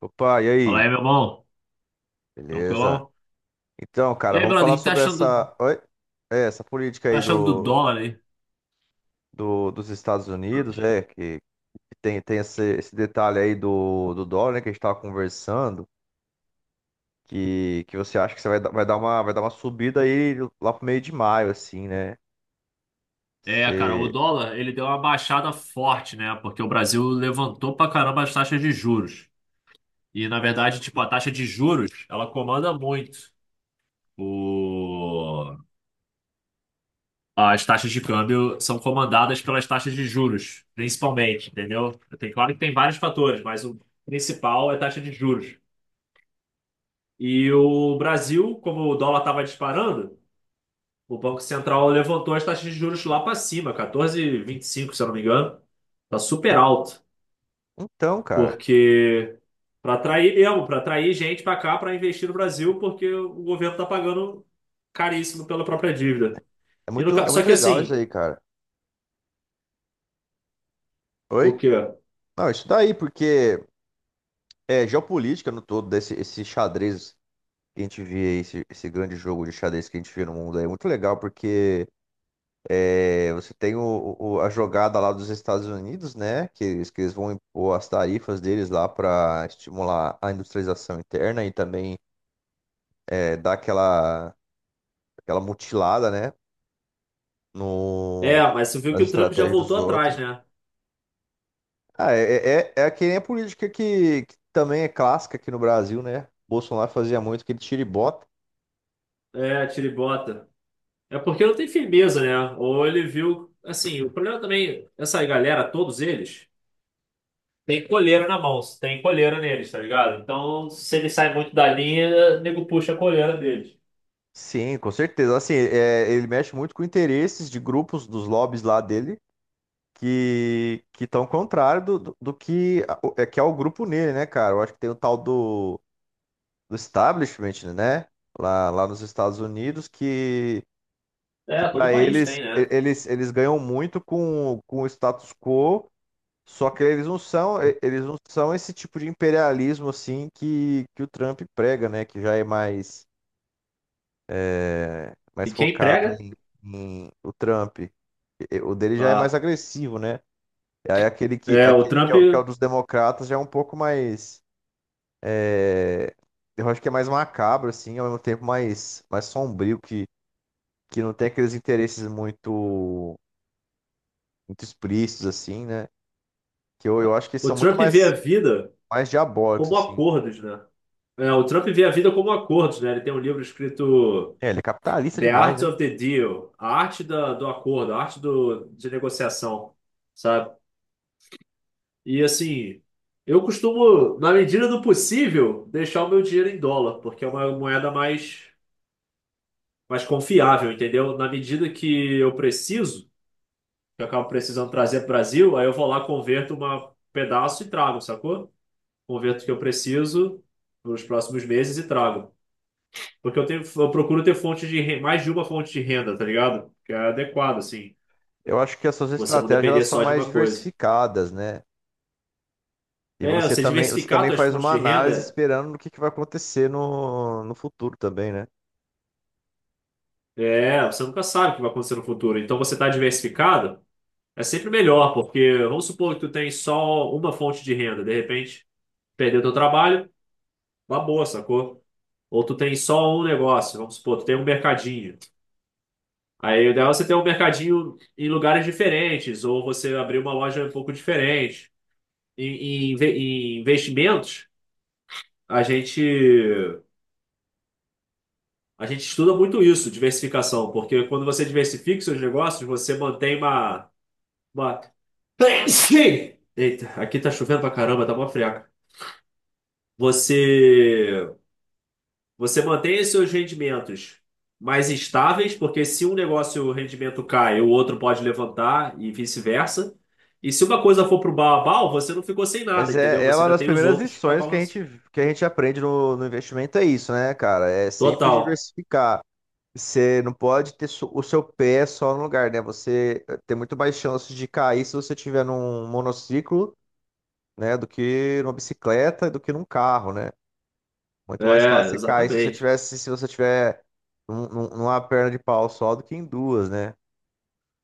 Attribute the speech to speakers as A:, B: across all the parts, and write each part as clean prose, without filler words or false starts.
A: Opa, e
B: Fala
A: aí?
B: aí, meu bom.
A: Beleza?
B: Tranquilão?
A: Então, cara,
B: E aí,
A: vamos
B: brother, o
A: falar
B: que que
A: sobre essa, oi? Essa política
B: tá
A: aí
B: achando do dólar aí?
A: dos Estados Unidos, que tem esse detalhe aí do dólar, né, que a gente estava conversando, que você acha que você vai, vai dar uma subida aí lá pro meio de maio, assim, né?
B: É, cara, o
A: Você...
B: dólar, ele deu uma baixada forte, né? Porque o Brasil levantou pra caramba as taxas de juros. E, na verdade, tipo, a taxa de juros, ela comanda muito. O... As taxas de câmbio são comandadas pelas taxas de juros, principalmente, entendeu? Claro que tem vários fatores, mas o principal é a taxa de juros. E o Brasil, como o dólar estava disparando, o Banco Central levantou as taxas de juros lá para cima, 14,25, se eu não me engano. Tá super alto,
A: Então, cara,
B: porque para atrair mesmo, para atrair gente para cá para investir no Brasil, porque o governo tá pagando caríssimo pela própria dívida. E no ca-
A: é
B: Só
A: muito
B: que
A: legal isso
B: assim,
A: aí, cara.
B: o
A: Oi?
B: quê?
A: Não, isso daí, porque é geopolítica no todo, esse xadrez. Que a gente vê aí, esse grande jogo de xadrez que a gente vê no mundo aí. É muito legal porque você tem a jogada lá dos Estados Unidos, né? Que eles vão impor as tarifas deles lá para estimular a industrialização interna e também dar aquela, aquela mutilada, né?
B: É,
A: No,
B: mas você viu
A: nas
B: que o Trump já
A: estratégias dos
B: voltou atrás,
A: outros.
B: né?
A: Ah, é, é, é que nem a política que também é clássica aqui no Brasil, né? Bolsonaro fazia muito aquele tira e bota.
B: É, tiribota. É porque não tem firmeza, né? Ou ele viu, assim, o problema também, essa galera, todos eles tem coleira na mão, tem coleira neles, tá ligado? Então, se ele sai muito da linha, o nego puxa a coleira deles.
A: Sim, com certeza. Assim, é, ele mexe muito com interesses de grupos dos lobbies lá dele que estão contrário do que é que é o grupo nele, né, cara? Eu acho que tem o tal do, do establishment, né? Lá nos Estados Unidos que
B: É, todo
A: para
B: país
A: eles
B: tem, né?
A: eles ganham muito com o status quo, só que eles não são eles não são esse tipo de imperialismo assim que o Trump prega, né? Que já é mais
B: E
A: mais
B: quem
A: focado
B: prega?
A: em, em o Trump. E- O dele já é mais
B: Ah.
A: agressivo, né? E aí
B: É,
A: aquele que é o dos democratas já é um pouco mais. é, eu acho que é mais macabro, assim, ao mesmo tempo mais, mais sombrio, que não tem aqueles interesses muito, muito explícitos, assim, né? Que eu acho que
B: O
A: são muito
B: Trump vê a
A: mais,
B: vida
A: mais diabólicos,
B: como
A: assim.
B: acordos, né? É, o Trump vê a vida como acordos, né? Ele tem um livro escrito
A: É, ele é capitalista
B: The
A: demais,
B: Art
A: né?
B: of the Deal, a arte da, do acordo, a arte do, de negociação, sabe? E assim, eu costumo, na medida do possível, deixar o meu dinheiro em dólar, porque é uma moeda mais confiável, entendeu? Na medida que eu preciso, que eu acabo precisando trazer para o Brasil, aí eu vou lá, converto um pedaço e trago, sacou? Converto o que eu preciso nos próximos meses e trago. Porque eu tenho, eu procuro ter mais de uma fonte de renda, tá ligado? Que é adequado, assim.
A: Eu acho que as suas
B: Você não
A: estratégias elas
B: depender
A: são
B: só de
A: mais
B: uma coisa.
A: diversificadas, né? E
B: É, você
A: você
B: diversificar
A: também
B: suas
A: faz
B: fontes
A: uma
B: de
A: análise
B: renda,
A: esperando no que vai acontecer no futuro também, né?
B: é, você nunca sabe o que vai acontecer no futuro. Então você tá diversificado, é sempre melhor, porque vamos supor que tu tem só uma fonte de renda, de repente perdeu teu trabalho. Uma boa, sacou? Ou tu tem só um negócio, vamos supor, tu tem um mercadinho. Aí o ideal é você ter um mercadinho em lugares diferentes, ou você abrir uma loja um pouco diferente. Em, Em investimentos, a gente, a gente estuda muito isso, diversificação, porque quando você diversifica seus negócios, você mantém uma. Eita, aqui tá chovendo pra caramba, tá mó friaca. Você Você mantém os seus rendimentos mais estáveis, porque se um negócio o rendimento cai, o outro pode levantar e vice-versa. E se uma coisa for pro bal, você não ficou sem nada,
A: Mas é,
B: entendeu?
A: é
B: Você
A: uma
B: ainda
A: das
B: tem os
A: primeiras
B: outros para
A: lições
B: balançar.
A: que a gente aprende no investimento, é isso, né, cara? É sempre
B: Total.
A: diversificar. Você não pode ter o seu pé só no lugar, né? Você tem muito mais chances de cair se você tiver num monociclo, né, do que numa bicicleta, do que num carro, né? Muito mais
B: É,
A: fácil você cair se você
B: exatamente.
A: tivesse, se você tiver numa perna de pau só do que em duas, né?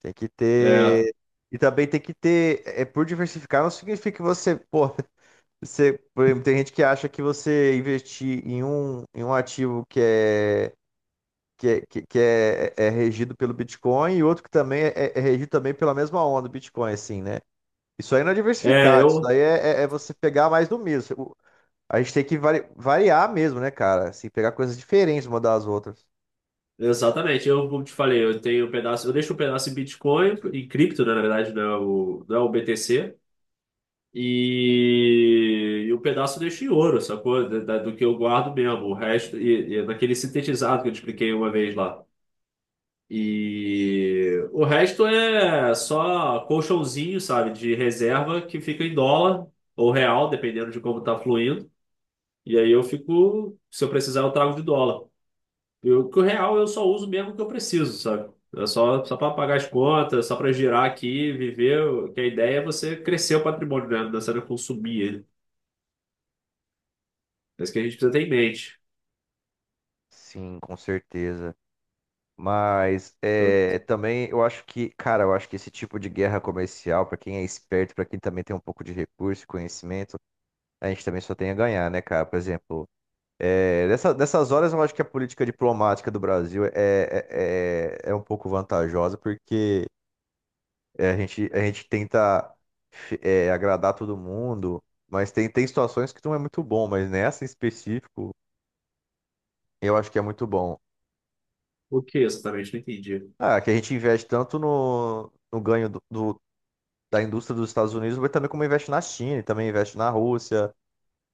A: Tem que
B: É,
A: ter. E também tem que ter. É, por diversificar não significa que você, pô, você, por exemplo, tem gente que acha que você investir em um ativo que é, que é, que é, é regido pelo Bitcoin e outro que também é, é regido também pela mesma onda do Bitcoin, assim, né? Isso aí não é
B: é,
A: diversificar, isso
B: eu
A: daí é, é, é você pegar mais do mesmo. O- A gente tem que variar mesmo, né, cara? Assim, pegar coisas diferentes uma das outras.
B: Exatamente. Eu como te falei, eu tenho um pedaço, eu deixo um pedaço em Bitcoin, em cripto, né, na verdade, não é o BTC. E um pedaço eu deixo em ouro, sacou? Do que eu guardo mesmo. O resto, e naquele sintetizado que eu te expliquei uma vez lá. E o resto é só colchãozinho, sabe? De reserva que fica em dólar ou real, dependendo de como tá fluindo. E aí eu fico, se eu precisar, eu trago de dólar. Eu, que o real eu só uso mesmo o que eu preciso, sabe? É só, só para pagar as contas, só para girar aqui, viver. Que a ideia é você crescer o patrimônio, né? Não é só consumir ele. É isso que a gente precisa ter em mente.
A: Sim, com certeza. Mas
B: Eu-
A: é, também eu acho que, cara, eu acho que esse tipo de guerra comercial, pra quem é esperto, pra quem também tem um pouco de recurso e conhecimento, a gente também só tem a ganhar, né, cara? Por exemplo, é, nessas horas eu acho que a política diplomática do Brasil é, é, é, é um pouco vantajosa, porque é, a gente tenta agradar todo mundo, mas tem, tem situações que não é muito bom, mas nessa em específico eu acho que é muito bom.
B: o que exatamente? Não entendi.
A: Ah, que a gente investe tanto no ganho do da indústria dos Estados Unidos, mas também como investe na China, e também investe na Rússia,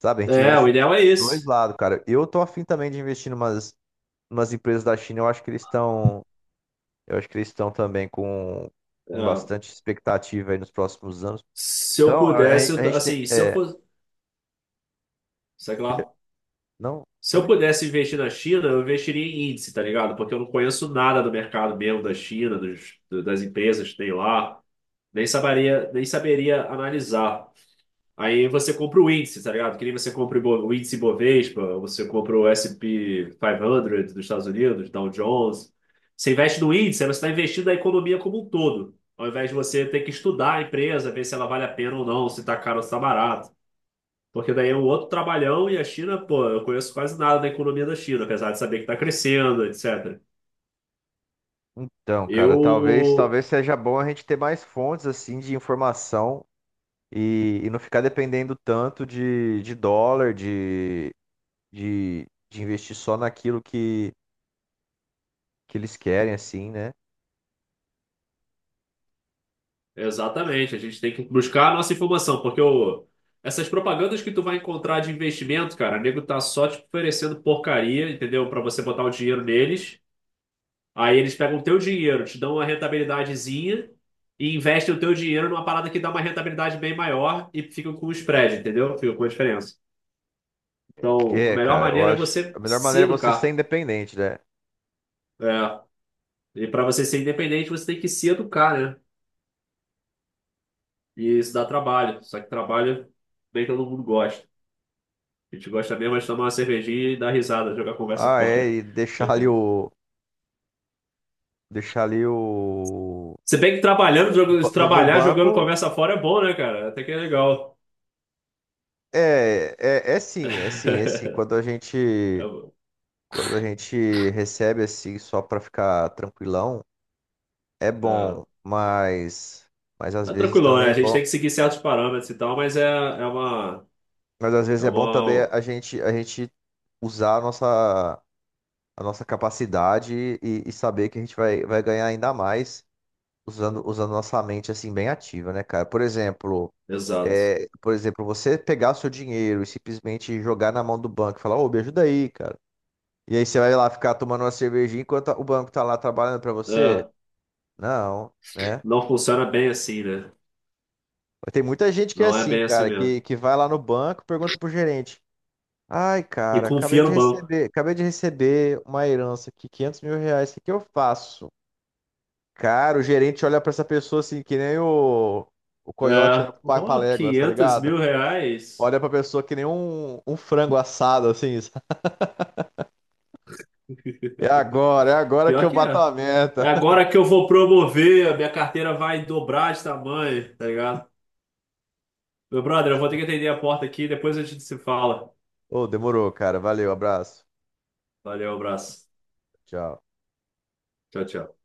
A: sabe? A gente
B: É,
A: investe
B: o
A: dos
B: ideal é
A: dois
B: esse.
A: lados, cara. Eu tô afim também de investir em umas, umas empresas da China, eu acho que eles estão, eu acho que eles estão também
B: É,
A: com bastante expectativa aí nos próximos anos.
B: se eu
A: Então,
B: pudesse,
A: a
B: eu
A: gente tem,
B: assim, se eu
A: é, o
B: fosse. Sei
A: quê?
B: lá.
A: Não,
B: Se eu
A: falei.
B: pudesse investir na China, eu investiria em índice, tá ligado? Porque eu não conheço nada do mercado mesmo da China, das empresas que tem lá. Nem saberia, nem saberia analisar. Aí você compra o índice, tá ligado? Que nem você compra o índice Bovespa, você compra o S&P 500 dos Estados Unidos, Dow Jones. Você investe no índice, aí você está investindo na economia como um todo, ao invés de você ter que estudar a empresa, ver se ela vale a pena ou não, se está caro ou se está barato. Porque daí é um outro trabalhão e a China, pô, eu conheço quase nada da economia da China, apesar de saber que está crescendo, etc.
A: Então, cara, talvez,
B: Eu
A: talvez seja bom a gente ter mais fontes assim de informação e não ficar dependendo tanto de dólar, de investir só naquilo que eles querem, assim, né?
B: Exatamente, a gente tem que buscar a nossa informação, porque o, essas propagandas que tu vai encontrar de investimento, cara, o nego tá só te oferecendo porcaria, entendeu? Pra você botar o dinheiro neles. Aí eles pegam o teu dinheiro, te dão uma rentabilidadezinha e investem o teu dinheiro numa parada que dá uma rentabilidade bem maior e ficam com o spread, entendeu? Ficam com a diferença.
A: Que
B: Então, a
A: é,
B: melhor
A: cara, eu
B: maneira é
A: acho. A
B: você
A: melhor
B: se
A: maneira é você ser
B: educar.
A: independente, né?
B: É. E para você ser independente, você tem que se educar, né? E isso dá trabalho. Só que trabalho nem todo mundo gosta. A gente gosta mesmo é de tomar uma cervejinha e dar risada, jogar conversa
A: Ah, é,
B: fora.
A: e deixar ali o. Deixar ali o.
B: Se bem que trabalhando,
A: No, no
B: trabalhar jogando
A: banco.
B: conversa fora é bom, né, cara? Até que é legal.
A: É, é, é sim, é sim, é sim. Quando a gente.
B: É, bom.
A: Quando a gente recebe assim, só pra ficar tranquilão, é bom,
B: é,
A: mas. Mas às
B: é
A: vezes
B: tranquilão,
A: também
B: né? A
A: é
B: gente
A: bom.
B: tem que seguir certos parâmetros e tal, mas é, é uma,
A: Mas às
B: é
A: vezes é bom também
B: uma.
A: a gente usar a nossa capacidade e saber que a gente vai, vai ganhar ainda mais usando, usando nossa mente assim bem ativa, né, cara? Por exemplo,
B: Exato.
A: é, por exemplo, você pegar o seu dinheiro e simplesmente jogar na mão do banco e falar, ô, me ajuda aí, cara. E aí você vai lá ficar tomando uma cervejinha enquanto o banco tá lá trabalhando pra você?
B: É,
A: Não, né?
B: não funciona bem assim, né?
A: Tem muita gente que é
B: Não é
A: assim,
B: bem assim
A: cara,
B: mesmo.
A: que vai lá no banco, pergunta pro gerente. Ai,
B: E
A: cara,
B: confia no banco.
A: acabei de receber uma herança aqui, 500 mil reais, o que que eu faço? Cara, o gerente olha pra essa pessoa assim, que nem o coiote olha
B: É,
A: pro
B: oh,
A: Papaléguas, tá
B: 500
A: ligado?
B: mil reais?
A: Olha pra pessoa que nem um, um frango assado, assim. Sabe? É agora que
B: Pior
A: eu
B: que
A: bato
B: é.
A: a
B: É
A: meta.
B: agora que eu vou promover, a minha carteira vai dobrar de tamanho, tá ligado? Meu brother, eu vou ter que atender a porta aqui, depois a gente se fala.
A: Ô, demorou, cara. Valeu, abraço.
B: Valeu, abraço.
A: Tchau.
B: Tchau, tchau.